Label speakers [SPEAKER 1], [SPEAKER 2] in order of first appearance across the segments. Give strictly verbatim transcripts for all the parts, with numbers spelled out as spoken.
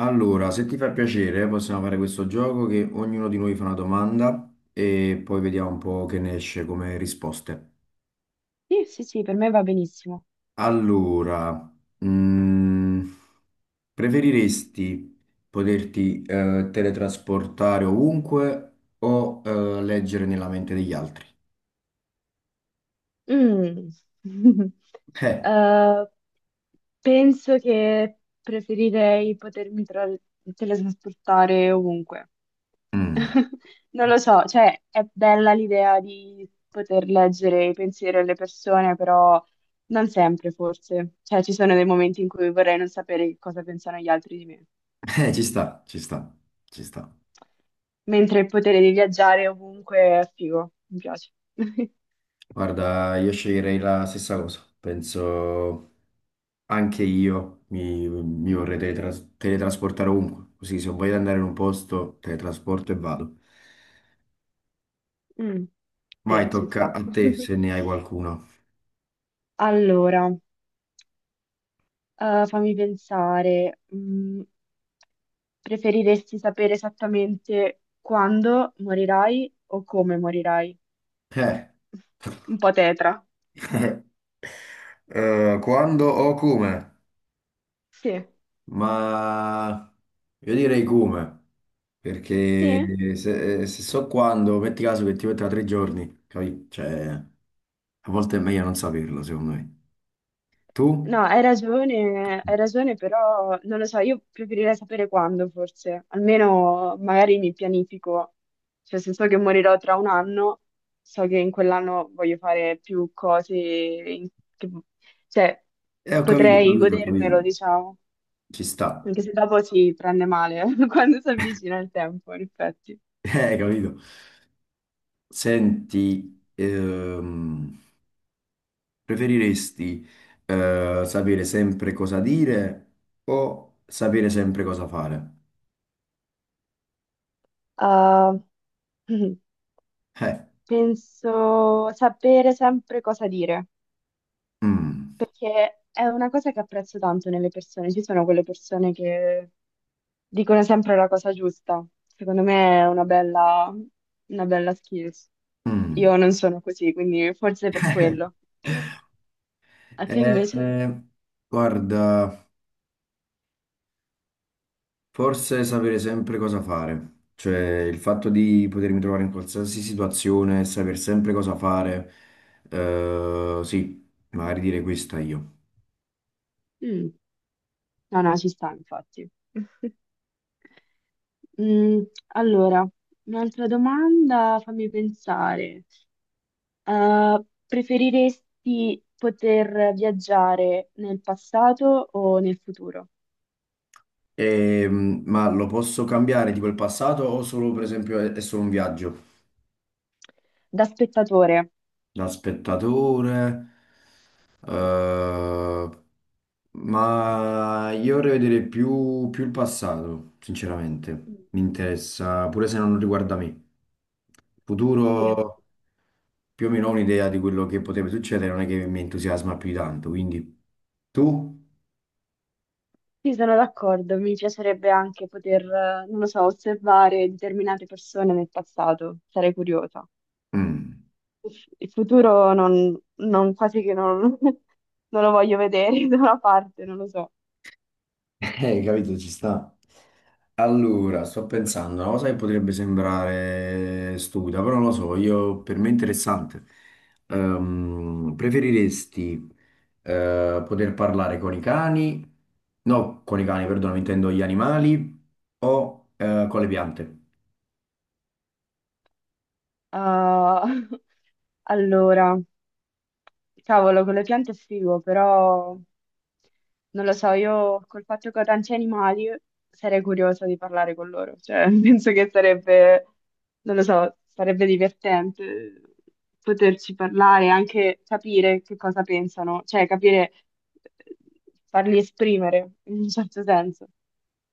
[SPEAKER 1] Allora, se ti fa piacere, eh, possiamo fare questo gioco che ognuno di noi fa una domanda e poi vediamo un po' che ne esce come risposte.
[SPEAKER 2] Sì, sì, sì, per me va benissimo.
[SPEAKER 1] Allora, mm, preferiresti poterti eh, teletrasportare ovunque o eh, leggere nella mente degli altri?
[SPEAKER 2] Mm.
[SPEAKER 1] Eh,
[SPEAKER 2] Eh, Penso che preferirei potermi tra- teletrasportare ovunque.
[SPEAKER 1] mm,
[SPEAKER 2] Non lo so, cioè è bella l'idea di poter leggere i pensieri delle persone, però non sempre forse. Cioè ci sono dei momenti in cui vorrei non sapere che cosa pensano gli altri di me.
[SPEAKER 1] eh, ci sta, ci sta, ci sta.
[SPEAKER 2] Mentre il potere di viaggiare ovunque è figo, mi piace.
[SPEAKER 1] Guarda, io sceglierei la stessa cosa. Penso anche io mi, mi vorrei teletras- teletrasportare ovunque. Così se voglio andare in un posto, teletrasporto e vado.
[SPEAKER 2] Mm,
[SPEAKER 1] Vai,
[SPEAKER 2] sì, ci
[SPEAKER 1] tocca
[SPEAKER 2] sta.
[SPEAKER 1] a te se ne hai qualcuno.
[SPEAKER 2] Allora, eh, fammi pensare, mm, preferiresti sapere esattamente quando morirai o come morirai?
[SPEAKER 1] Eh,
[SPEAKER 2] Un po' tetra.
[SPEAKER 1] eh, quando o come?
[SPEAKER 2] Sì,
[SPEAKER 1] Ma io direi come,
[SPEAKER 2] sì.
[SPEAKER 1] perché se, se so quando, metti caso che ti metto tra tre giorni, capì? Cioè, a volte è meglio non saperlo, secondo me. Tu?
[SPEAKER 2] No, hai ragione, hai ragione, però non lo so, io preferirei sapere quando forse, almeno magari mi pianifico, cioè se so che morirò tra un anno, so che in quell'anno voglio fare più cose, in- che- cioè
[SPEAKER 1] Eh, ho capito, ho
[SPEAKER 2] potrei
[SPEAKER 1] capito, ho
[SPEAKER 2] godermelo,
[SPEAKER 1] capito.
[SPEAKER 2] diciamo,
[SPEAKER 1] Ci sta.
[SPEAKER 2] anche se dopo si prende male quando si avvicina il tempo, in effetti.
[SPEAKER 1] Eh, hai capito. Senti, ehm, preferiresti eh, sapere sempre cosa dire o sapere sempre cosa fare?
[SPEAKER 2] Ah,
[SPEAKER 1] Eh,
[SPEAKER 2] penso sapere sempre cosa dire.
[SPEAKER 1] mm,
[SPEAKER 2] Perché è una cosa che apprezzo tanto nelle persone. Ci sono quelle persone che dicono sempre la cosa giusta. Secondo me è una bella, una bella skills.
[SPEAKER 1] mm.
[SPEAKER 2] Io non sono così, quindi forse per quello. Tu? A te invece?
[SPEAKER 1] Eh, Guarda, forse sapere sempre cosa fare. Cioè, il fatto di potermi trovare in qualsiasi situazione, saper sempre cosa fare, eh, sì, magari dire questa io.
[SPEAKER 2] Mm. No, no, ci sta, infatti. Mm, allora, un'altra domanda, fammi pensare. Eh, preferiresti poter viaggiare nel passato o nel futuro?
[SPEAKER 1] Ehm, ma lo posso cambiare tipo il passato o solo per esempio è, è solo un viaggio
[SPEAKER 2] Da spettatore.
[SPEAKER 1] da spettatore? eh, ma io vorrei vedere più, più il passato, sinceramente.
[SPEAKER 2] Sì,
[SPEAKER 1] Mi interessa, pure se non riguarda me. Il futuro più o meno ho un'idea di quello che potrebbe succedere, non è che mi entusiasma più di tanto, quindi tu?
[SPEAKER 2] sì, sono d'accordo. Mi piacerebbe anche poter, eh, non lo so, osservare determinate persone nel passato. Sarei curiosa.
[SPEAKER 1] Mm.
[SPEAKER 2] Il futuro non, non- quasi che non, non lo voglio vedere da una parte, non lo so.
[SPEAKER 1] Eh, capito, ci sta. Allora, sto pensando, una cosa che potrebbe sembrare stupida, però non lo so, io, per me è interessante. Ehm, preferiresti eh, poter parlare con i cani? No, con i cani, perdono, intendo gli animali o eh, con le piante?
[SPEAKER 2] Ah, allora, cavolo, con le piante è figo, però non lo so, io col fatto che ho tanti animali sarei curiosa di parlare con loro, cioè penso che sarebbe, non lo so, sarebbe divertente poterci parlare, anche capire che cosa pensano, cioè capire, eh, farli esprimere in un certo senso.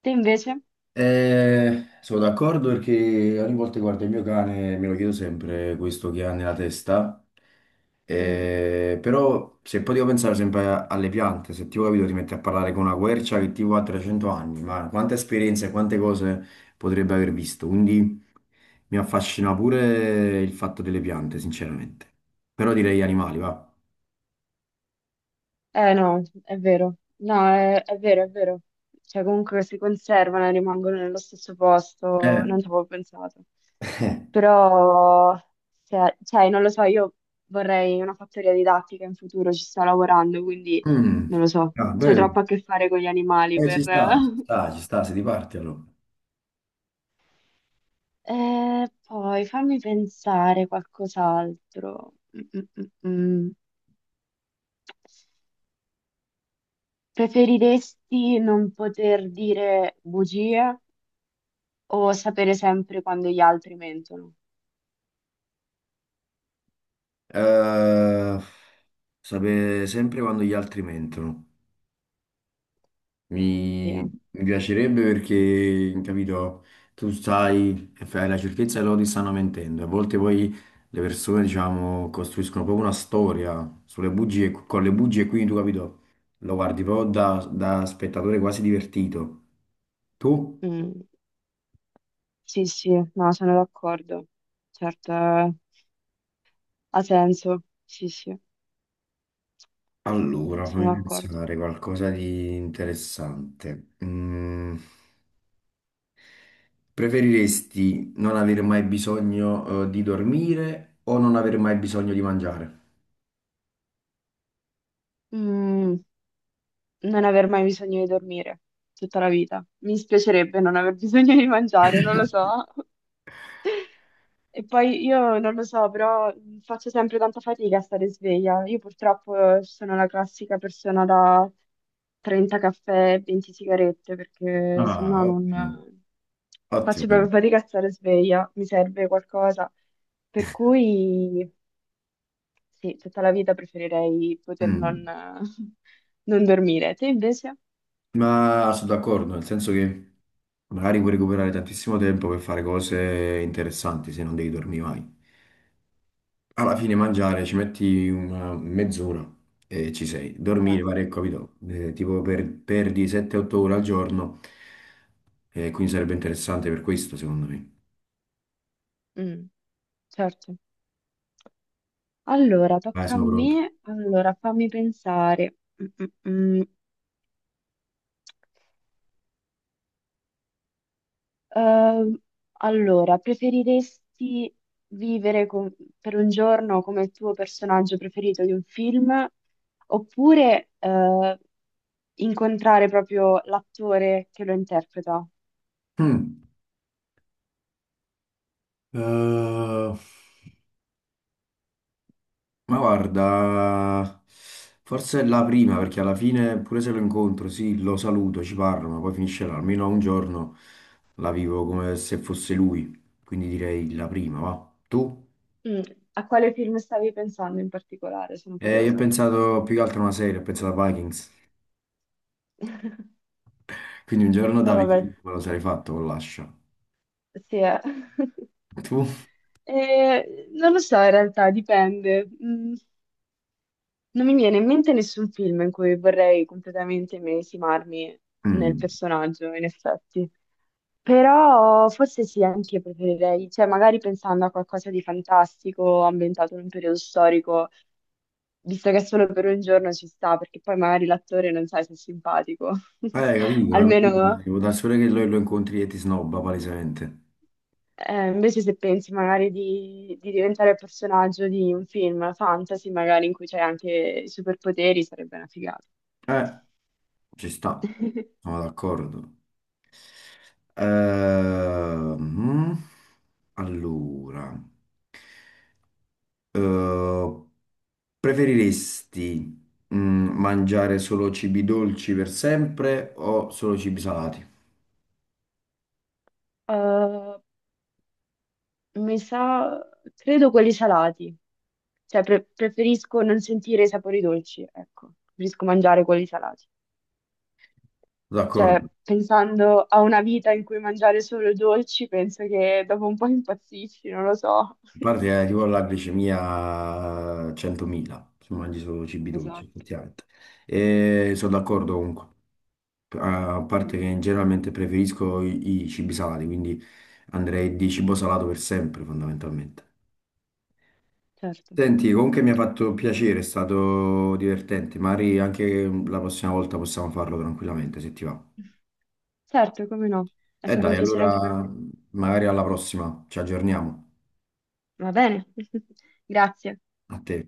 [SPEAKER 2] Te invece?
[SPEAKER 1] Eh, sono d'accordo perché ogni volta che guardo il mio cane me lo chiedo sempre questo che ha nella testa.
[SPEAKER 2] Mm.
[SPEAKER 1] Eh, però se poi devo pensare sempre a- alle piante, se ti ho capito ti metti a parlare con una quercia che tipo ha trecento anni, ma quante esperienze, quante cose potrebbe aver visto. Quindi mi affascina pure il fatto delle piante, sinceramente. Però direi animali, va.
[SPEAKER 2] Eh no, è vero. No, è, è vero, è vero. Cioè, comunque si conservano e rimangono nello stesso posto,
[SPEAKER 1] Eh,
[SPEAKER 2] non ci avevo pensato.
[SPEAKER 1] eh,
[SPEAKER 2] Però, se- cioè, non lo so, io vorrei una fattoria didattica in futuro, ci sto lavorando, quindi
[SPEAKER 1] mm.
[SPEAKER 2] non lo so.
[SPEAKER 1] Ah,
[SPEAKER 2] C'ho
[SPEAKER 1] bello.
[SPEAKER 2] troppo a che fare con gli animali
[SPEAKER 1] Eh, ci
[SPEAKER 2] per...
[SPEAKER 1] sta, ci sta, ci sta, se ti parti allora.
[SPEAKER 2] Eh, poi fammi pensare qualcos'altro. Mm, mm, mm, mm. Preferiresti non poter dire bugie o sapere sempre quando gli altri mentono?
[SPEAKER 1] Eh, Sapere sempre quando gli altri mentono.
[SPEAKER 2] Sì,
[SPEAKER 1] Mi,
[SPEAKER 2] eh.
[SPEAKER 1] mi piacerebbe perché, capito, tu sai e fai la certezza che loro ti stanno mentendo. A volte poi le persone, diciamo, costruiscono proprio una storia sulle bugie, con le bugie, quindi tu, capito, lo guardi proprio da, da spettatore quasi divertito. Tu?
[SPEAKER 2] Mm. Sì, sì, no, sono d'accordo. Certo, eh, ha senso. Sì, sì,
[SPEAKER 1] Allora,
[SPEAKER 2] sono
[SPEAKER 1] fammi
[SPEAKER 2] d'accordo.
[SPEAKER 1] pensare qualcosa di interessante. Mm. Preferiresti non avere mai bisogno, eh, di dormire o non avere mai bisogno di mangiare?
[SPEAKER 2] Mm, Non aver mai bisogno di dormire tutta la vita. Mi dispiacerebbe non aver bisogno di mangiare, non lo so. E poi io non lo so, però mm, faccio sempre tanta fatica a stare sveglia. Io purtroppo eh, sono la classica persona da trenta caffè e venti sigarette, perché
[SPEAKER 1] Ah,
[SPEAKER 2] sennò non
[SPEAKER 1] ottimo,
[SPEAKER 2] eh, faccio
[SPEAKER 1] ottimo.
[SPEAKER 2] proprio fatica a stare sveglia, mi serve qualcosa. Per cui sì, tutta la vita preferirei poter non,
[SPEAKER 1] Mm.
[SPEAKER 2] non dormire. Te invece?
[SPEAKER 1] Ma sono d'accordo, nel senso che magari puoi recuperare tantissimo tempo per fare cose interessanti se non devi dormire mai. Alla fine mangiare ci metti una mezz'ora e ci sei.
[SPEAKER 2] Eh,
[SPEAKER 1] Dormire, pare, capito? Eh, tipo per- perdi sette otto ore al giorno, e quindi sarebbe interessante per questo, secondo me.
[SPEAKER 2] mm, certo. Allora,
[SPEAKER 1] Vai,
[SPEAKER 2] tocca a
[SPEAKER 1] sono pronto.
[SPEAKER 2] me. Allora, fammi pensare. Mm, mm, mm. Ehm, allora, preferiresti vivere con- per un giorno come il tuo personaggio preferito di un film, oppure eh, incontrare proprio l'attore che lo interpreta?
[SPEAKER 1] Mm. Eh, ma guarda, forse è la prima perché alla fine, pure se lo incontro, sì, lo saluto, ci parlo, ma poi finisce là. Almeno un giorno la vivo come se fosse lui. Quindi direi la prima, va. Tu?
[SPEAKER 2] Mm, A quale film stavi pensando in particolare? Sono
[SPEAKER 1] Eh, io ho
[SPEAKER 2] curiosa.
[SPEAKER 1] pensato più che altro a una serie, ho pensato a Vikings. Quindi un giorno
[SPEAKER 2] Ah,
[SPEAKER 1] da
[SPEAKER 2] vabbè,
[SPEAKER 1] Viking me lo sarei fatto con l'ascia.
[SPEAKER 2] sì, eh.
[SPEAKER 1] Tu?
[SPEAKER 2] Eh, non lo so, in realtà dipende. Mm. Non mi viene in mente nessun film in cui vorrei completamente immedesimarmi nel
[SPEAKER 1] Mm.
[SPEAKER 2] personaggio, in effetti. Però forse sì, anche io preferirei, cioè magari pensando a qualcosa di fantastico ambientato in un periodo storico, visto che solo per un giorno ci sta, perché poi magari l'attore non sai se è simpatico.
[SPEAKER 1] Eh, capito, alla fine
[SPEAKER 2] Almeno,
[SPEAKER 1] devo dare solo che lo, lo incontri e ti snobba palesemente.
[SPEAKER 2] eh, invece se pensi magari di, di diventare il personaggio di un film fantasy, magari in cui c'è anche i superpoteri, sarebbe una figata.
[SPEAKER 1] Eh, Ci sta, sono d'accordo. Ehm, allora, eh, preferiresti mm, mangiare solo cibi dolci per sempre o solo cibi salati?
[SPEAKER 2] Eh, mi sa, credo quelli salati, cioè pre- preferisco non sentire i sapori dolci, ecco, preferisco mangiare quelli salati.
[SPEAKER 1] D'accordo,
[SPEAKER 2] Cioè,
[SPEAKER 1] a
[SPEAKER 2] pensando a una vita in cui mangiare solo dolci, penso che dopo un po' impazzisci, non lo so.
[SPEAKER 1] parte che tipo la glicemia centomila se mangi solo cibi dolci,
[SPEAKER 2] Esatto.
[SPEAKER 1] effettivamente. E sono d'accordo comunque, a
[SPEAKER 2] Mm,
[SPEAKER 1] parte che generalmente preferisco i, i cibi salati, quindi andrei di cibo salato per sempre, fondamentalmente.
[SPEAKER 2] certo.
[SPEAKER 1] Senti, comunque mi ha fatto piacere, è stato divertente. Magari anche la prossima volta possiamo farlo tranquillamente, se ti va.
[SPEAKER 2] Certo, come no. È
[SPEAKER 1] E
[SPEAKER 2] stato un
[SPEAKER 1] dai,
[SPEAKER 2] piacere
[SPEAKER 1] Allora,
[SPEAKER 2] anche per
[SPEAKER 1] allora
[SPEAKER 2] me.
[SPEAKER 1] magari alla prossima, ci aggiorniamo.
[SPEAKER 2] Va bene, grazie.
[SPEAKER 1] A te.